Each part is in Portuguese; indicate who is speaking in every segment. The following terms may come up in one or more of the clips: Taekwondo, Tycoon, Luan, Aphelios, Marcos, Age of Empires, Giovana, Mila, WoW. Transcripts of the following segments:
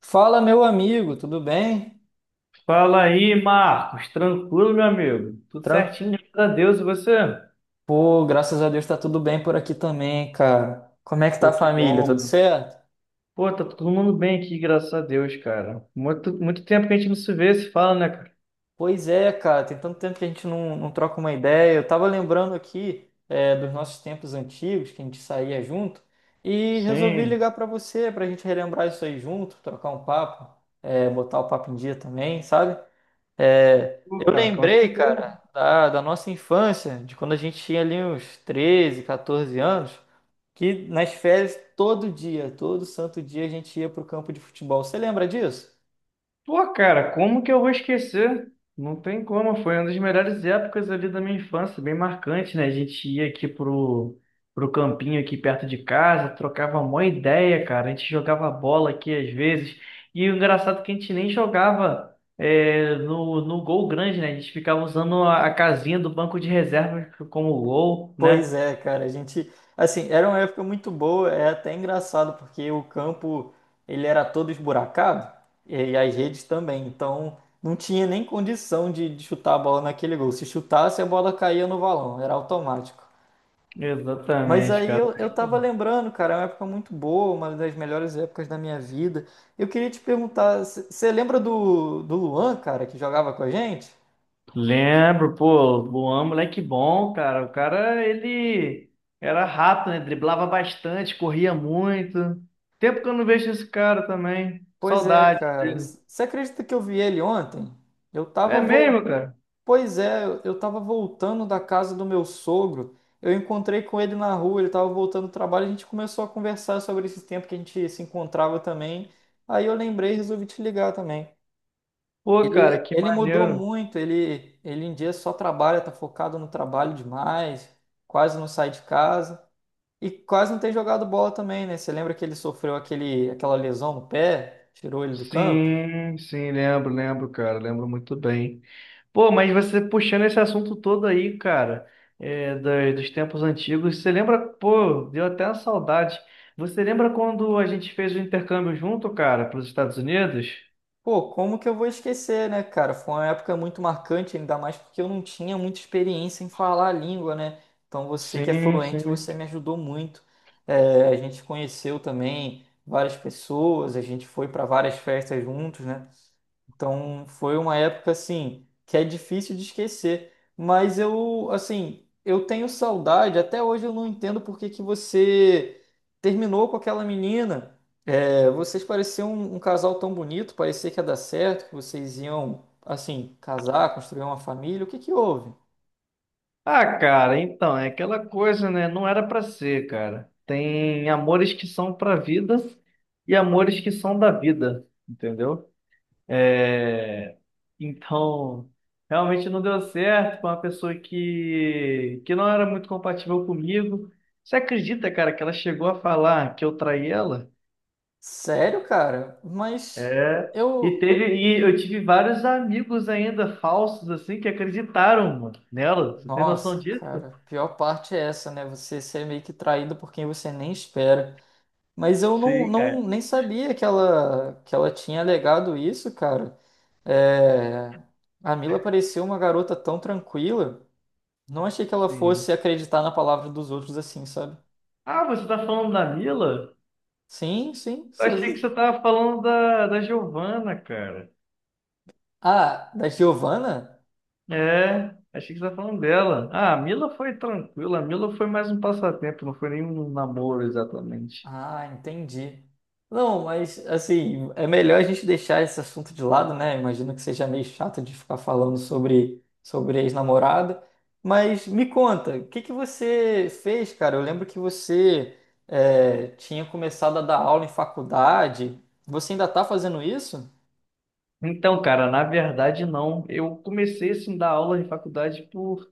Speaker 1: Fala, meu amigo, tudo bem?
Speaker 2: Fala aí, Marcos. Tranquilo, meu amigo? Tudo
Speaker 1: Tran...
Speaker 2: certinho, graças a Deus. E você?
Speaker 1: Pô, graças a Deus tá tudo bem por aqui também, cara. Como é que tá a
Speaker 2: Pô, que
Speaker 1: família?
Speaker 2: bom,
Speaker 1: Tudo
Speaker 2: mano.
Speaker 1: certo?
Speaker 2: Pô, tá todo mundo bem aqui, graças a Deus, cara. Muito, muito tempo que a gente não se vê, se fala, né, cara?
Speaker 1: Pois é, cara, tem tanto tempo que a gente não troca uma ideia. Eu tava lembrando aqui, dos nossos tempos antigos, que a gente saía junto, e resolvi
Speaker 2: Sim.
Speaker 1: ligar pra você, pra gente relembrar isso aí junto, trocar um papo, botar o papo em dia também, sabe? É,
Speaker 2: Pô,
Speaker 1: eu
Speaker 2: cara, com
Speaker 1: lembrei,
Speaker 2: certeza.
Speaker 1: cara, da nossa infância, de quando a gente tinha ali uns 13, 14 anos. Que nas férias, todo dia, todo santo dia, a gente ia pro campo de futebol. Você lembra disso?
Speaker 2: Pô, cara, como que eu vou esquecer? Não tem como, foi uma das melhores épocas ali da minha infância, bem marcante, né? A gente ia aqui pro, pro campinho aqui perto de casa, trocava uma ideia, cara. A gente jogava bola aqui às vezes. E o engraçado é que a gente nem jogava no gol grande, né? A gente ficava usando a casinha do banco de reservas como gol,
Speaker 1: Pois
Speaker 2: né?
Speaker 1: é, cara, a gente, assim, era uma época muito boa, é até engraçado, porque o campo, ele era todo esburacado, e as redes também, então não tinha nem condição de chutar a bola naquele gol. Se chutasse, a bola caía no valão, era automático. Mas
Speaker 2: Exatamente,
Speaker 1: aí
Speaker 2: cara.
Speaker 1: eu tava lembrando, cara, é uma época muito boa, uma das melhores épocas da minha vida. Eu queria te perguntar, você lembra do Luan, cara, que jogava com a gente?
Speaker 2: Lembro, pô, Luan, moleque bom, cara. O cara, ele era rápido, né? Driblava bastante, corria muito. Tempo que eu não vejo esse cara também.
Speaker 1: Pois é,
Speaker 2: Saudade
Speaker 1: cara.
Speaker 2: dele.
Speaker 1: Você acredita que eu vi ele ontem? Eu tava
Speaker 2: É
Speaker 1: vol...
Speaker 2: mesmo, cara?
Speaker 1: Pois é, eu tava voltando da casa do meu sogro. Eu encontrei com ele na rua, ele tava voltando do trabalho, a gente começou a conversar sobre esse tempo que a gente se encontrava também. Aí eu lembrei e resolvi te ligar também.
Speaker 2: Pô,
Speaker 1: Ele,
Speaker 2: cara, que
Speaker 1: ele mudou
Speaker 2: maneiro.
Speaker 1: muito, ele em dia só trabalha, tá focado no trabalho demais, quase não sai de casa e quase não tem jogado bola também, né? Você lembra que ele sofreu aquela lesão no pé, tirou ele do campo?
Speaker 2: Sim, sim, lembro, lembro, cara, lembro muito bem. Pô, mas você puxando esse assunto todo aí, cara, dos tempos antigos, você lembra, pô, deu até uma saudade. Você lembra quando a gente fez o intercâmbio junto, cara, para os Estados Unidos?
Speaker 1: Pô, como que eu vou esquecer, né, cara? Foi uma época muito marcante, ainda mais porque eu não tinha muita experiência em falar a língua, né? Então você que é
Speaker 2: Sim,
Speaker 1: fluente,
Speaker 2: sim.
Speaker 1: você me ajudou muito. A gente conheceu também várias pessoas, a gente foi para várias festas juntos, né? Então foi uma época assim que é difícil de esquecer, mas eu assim, eu tenho saudade, até hoje eu não entendo por que que você terminou com aquela menina. Vocês pareciam um casal tão bonito, parecia que ia dar certo, que vocês iam assim casar, construir uma família. O que que houve?
Speaker 2: Ah, cara, então, é aquela coisa, né? Não era pra ser, cara. Tem amores que são pra vida e amores que são da vida, entendeu? É... Então, realmente não deu certo com uma pessoa que não era muito compatível comigo. Você acredita, cara, que ela chegou a falar que eu traí ela?
Speaker 1: Sério, cara? Mas
Speaker 2: É,
Speaker 1: eu
Speaker 2: e eu tive vários amigos ainda falsos, assim, que acreditaram, mano, nela. Você tem noção
Speaker 1: Nossa,
Speaker 2: disso?
Speaker 1: cara, a pior parte é essa, né? Você ser meio que traído por quem você nem espera. Mas eu não,
Speaker 2: Sim,
Speaker 1: não
Speaker 2: cara.
Speaker 1: nem sabia que ela tinha alegado isso, cara. É, a Mila parecia uma garota tão tranquila. Não achei que ela
Speaker 2: Sim.
Speaker 1: fosse acreditar na palavra dos outros assim, sabe?
Speaker 2: Ah, você tá falando da Mila?
Speaker 1: Sim, sim.
Speaker 2: Eu achei que você tava falando da, da Giovana, cara.
Speaker 1: Ah, da Giovanna?
Speaker 2: É, achei que você tava falando dela. Ah, a Mila foi tranquila, a Mila foi mais um passatempo, não foi nem um namoro exatamente.
Speaker 1: Ah, entendi. Não, mas assim, é melhor a gente deixar esse assunto de lado, né? Imagino que seja meio chato de ficar falando sobre ex-namorada. Mas me conta, o que que você fez, cara? Eu lembro que você tinha começado a dar aula em faculdade. Você ainda tá fazendo isso?
Speaker 2: Então, cara, na verdade não. Eu comecei assim a dar aula de faculdade por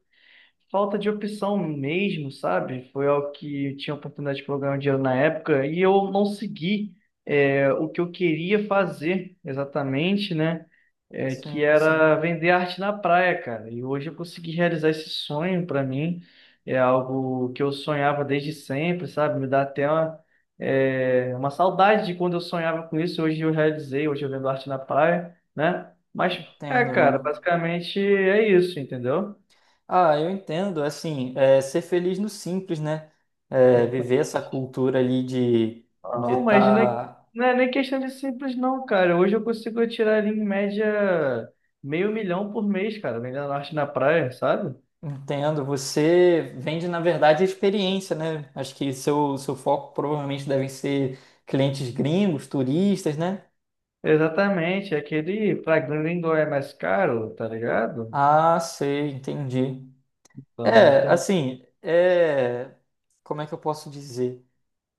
Speaker 2: falta de opção mesmo, sabe? Foi algo que eu tinha oportunidade de programar dinheiro na época e eu não segui o que eu queria fazer exatamente, né? Que
Speaker 1: Sim, sim.
Speaker 2: era vender arte na praia, cara. E hoje eu consegui realizar esse sonho para mim. É algo que eu sonhava desde sempre, sabe? Me dá até uma saudade de quando eu sonhava com isso. Hoje eu realizei, hoje eu vendo arte na praia, né? Mas
Speaker 1: Entendo,
Speaker 2: cara,
Speaker 1: mano.
Speaker 2: basicamente é isso, entendeu?
Speaker 1: Ah, eu entendo. Assim, ser feliz no simples, né? Viver essa cultura ali de
Speaker 2: Ah,
Speaker 1: de
Speaker 2: não, mas não é,
Speaker 1: estar.
Speaker 2: não é nem questão de simples, não, cara. Hoje eu consigo tirar ali em média meio milhão por mês, cara, vendendo norte na praia, sabe?
Speaker 1: Entendo. Você vende, na verdade, a experiência, né? Acho que seu foco provavelmente devem ser clientes gringos, turistas, né?
Speaker 2: Exatamente, é aquele pra grande gringo é mais caro, tá ligado?
Speaker 1: Ah, sei, entendi.
Speaker 2: Então,
Speaker 1: É,
Speaker 2: então...
Speaker 1: assim, é... como é que eu posso dizer?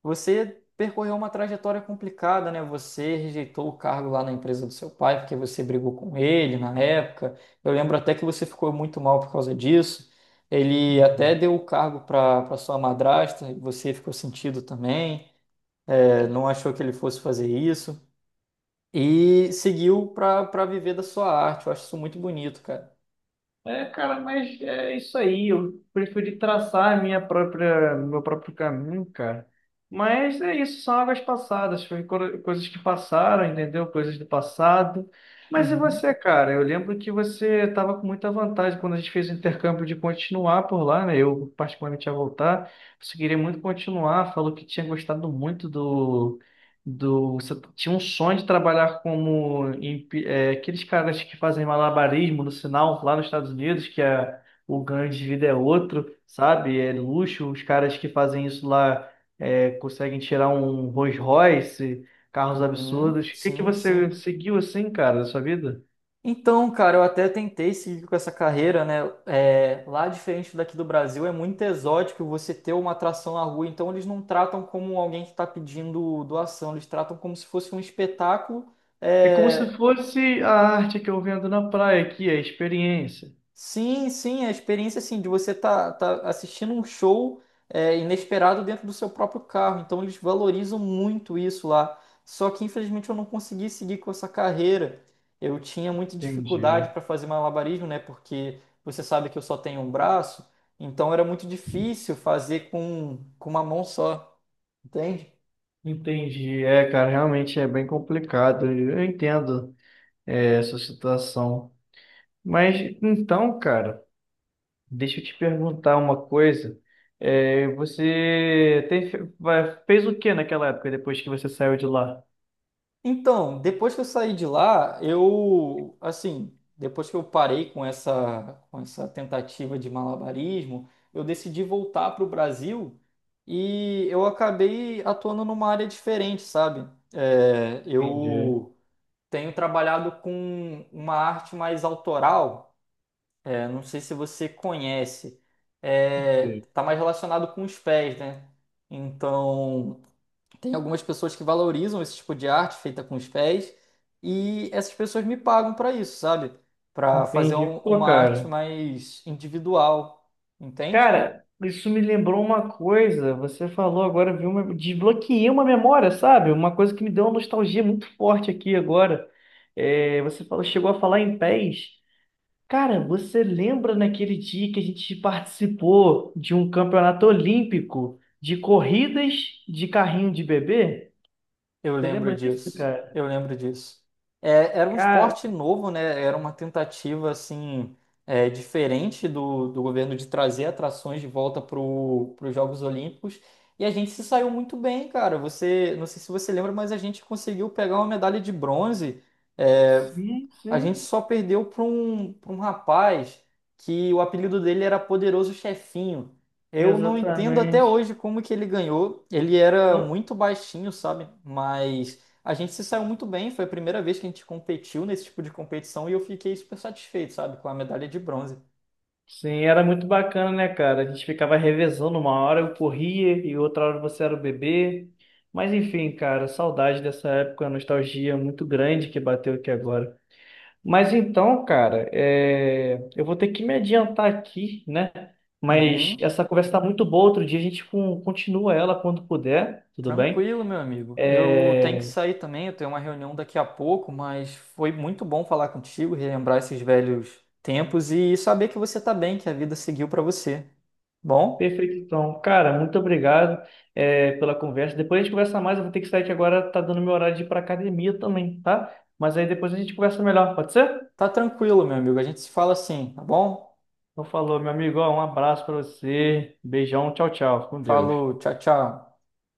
Speaker 1: Você percorreu uma trajetória complicada, né? Você rejeitou o cargo lá na empresa do seu pai porque você brigou com ele na época. Eu lembro até que você ficou muito mal por causa disso. Ele até
Speaker 2: Uhum.
Speaker 1: deu o cargo para sua madrasta e você ficou sentido também. Não achou que ele fosse fazer isso e seguiu para viver da sua arte. Eu acho isso muito bonito, cara.
Speaker 2: É, cara, mas é isso aí. Eu preferi traçar a minha própria, meu próprio caminho, cara. Mas é isso, são águas passadas, foi coisas que passaram, entendeu? Coisas do passado. Mas e
Speaker 1: Uhum,
Speaker 2: você, cara? Eu lembro que você estava com muita vantagem quando a gente fez o intercâmbio de continuar por lá, né? Eu particularmente ia voltar. Você queria muito continuar, falou que tinha gostado muito do você tinha um sonho de trabalhar como aqueles caras que fazem malabarismo no sinal lá nos Estados Unidos, o ganho de vida é outro, sabe? É luxo. Os caras que fazem isso lá conseguem tirar um Rolls Royce, carros
Speaker 1: uhum,
Speaker 2: absurdos. O que que
Speaker 1: sim, sim.
Speaker 2: você seguiu assim, cara, da sua vida?
Speaker 1: Então, cara, eu até tentei seguir com essa carreira, né? Lá, diferente daqui do Brasil, é muito exótico você ter uma atração na rua. Então, eles não tratam como alguém que está pedindo doação, eles tratam como se fosse um espetáculo.
Speaker 2: É como se
Speaker 1: é,
Speaker 2: fosse a arte que eu vendo na praia aqui, é a experiência.
Speaker 1: Sim, sim, a experiência assim de você tá, tá assistindo um show inesperado dentro do seu próprio carro. Então eles valorizam muito isso lá. Só que infelizmente eu não consegui seguir com essa carreira. Eu tinha muita
Speaker 2: Entendi.
Speaker 1: dificuldade para fazer malabarismo, né? Porque você sabe que eu só tenho um braço, então era muito difícil fazer com uma mão só, entende?
Speaker 2: Entendi. É, cara, realmente é bem complicado. Eu entendo. Essa situação. Mas então, cara, deixa eu te perguntar uma coisa. É, você tem, fez o que naquela época depois que você saiu de lá?
Speaker 1: Então, depois que eu saí de lá, eu, assim, depois que eu parei com essa, tentativa de malabarismo, eu decidi voltar para o Brasil e eu acabei atuando numa área diferente, sabe? É,
Speaker 2: Entendi.
Speaker 1: eu tenho trabalhado com uma arte mais autoral, não sei se você conhece,
Speaker 2: Sim.
Speaker 1: tá mais relacionado com os pés, né? Então. Tem algumas pessoas que valorizam esse tipo de arte feita com os pés e essas pessoas me pagam para isso, sabe? Para fazer
Speaker 2: Entendi. Pô,
Speaker 1: uma arte
Speaker 2: cara.
Speaker 1: mais individual, entende?
Speaker 2: Cara, isso me lembrou uma coisa. Você falou agora, viu? Desbloqueei uma memória, sabe? Uma coisa que me deu uma nostalgia muito forte aqui agora. É, você falou, chegou a falar em pés. Cara, você lembra naquele dia que a gente participou de um campeonato olímpico de corridas de carrinho de bebê?
Speaker 1: Eu
Speaker 2: Você
Speaker 1: lembro
Speaker 2: lembra disso,
Speaker 1: disso.
Speaker 2: cara?
Speaker 1: Eu lembro disso. Era um
Speaker 2: Cara,
Speaker 1: esporte novo, né? Era uma tentativa assim diferente do governo de trazer atrações de volta para os Jogos Olímpicos. E a gente se saiu muito bem, cara. Você, não sei se você lembra, mas a gente conseguiu pegar uma medalha de bronze. É,
Speaker 2: sim,
Speaker 1: a gente
Speaker 2: sim,
Speaker 1: só perdeu para um rapaz que o apelido dele era Poderoso Chefinho. Eu não entendo até
Speaker 2: exatamente.
Speaker 1: hoje como que ele ganhou. Ele era
Speaker 2: No-
Speaker 1: muito baixinho, sabe? Mas a gente se saiu muito bem. Foi a primeira vez que a gente competiu nesse tipo de competição e eu fiquei super satisfeito, sabe? Com a medalha de bronze.
Speaker 2: Sim, era muito bacana, né, cara? A gente ficava revezando, uma hora eu corria e outra hora você era o bebê. Mas enfim, cara, saudade dessa época, nostalgia muito grande que bateu aqui agora. Mas então, cara, eu vou ter que me adiantar aqui, né? Mas
Speaker 1: Uhum.
Speaker 2: essa conversa tá muito boa. Outro dia a gente continua ela quando puder, tudo bem?
Speaker 1: Tranquilo, meu amigo. Eu tenho que
Speaker 2: É,
Speaker 1: sair também. Eu tenho uma reunião daqui a pouco, mas foi muito bom falar contigo, relembrar esses velhos tempos e saber que você tá bem, que a vida seguiu pra você. Bom?
Speaker 2: Perfeito, então. Cara, muito obrigado, pela conversa. Depois a gente conversa mais. Eu vou ter que sair que agora tá dando meu horário de ir pra academia também, tá? Mas aí depois a gente conversa melhor, pode ser?
Speaker 1: Tá tranquilo, meu amigo. A gente se fala assim, tá bom?
Speaker 2: Então falou, meu amigo. Ó, um abraço pra você. Beijão, tchau, tchau. Fica com Deus.
Speaker 1: Falou, tchau, tchau.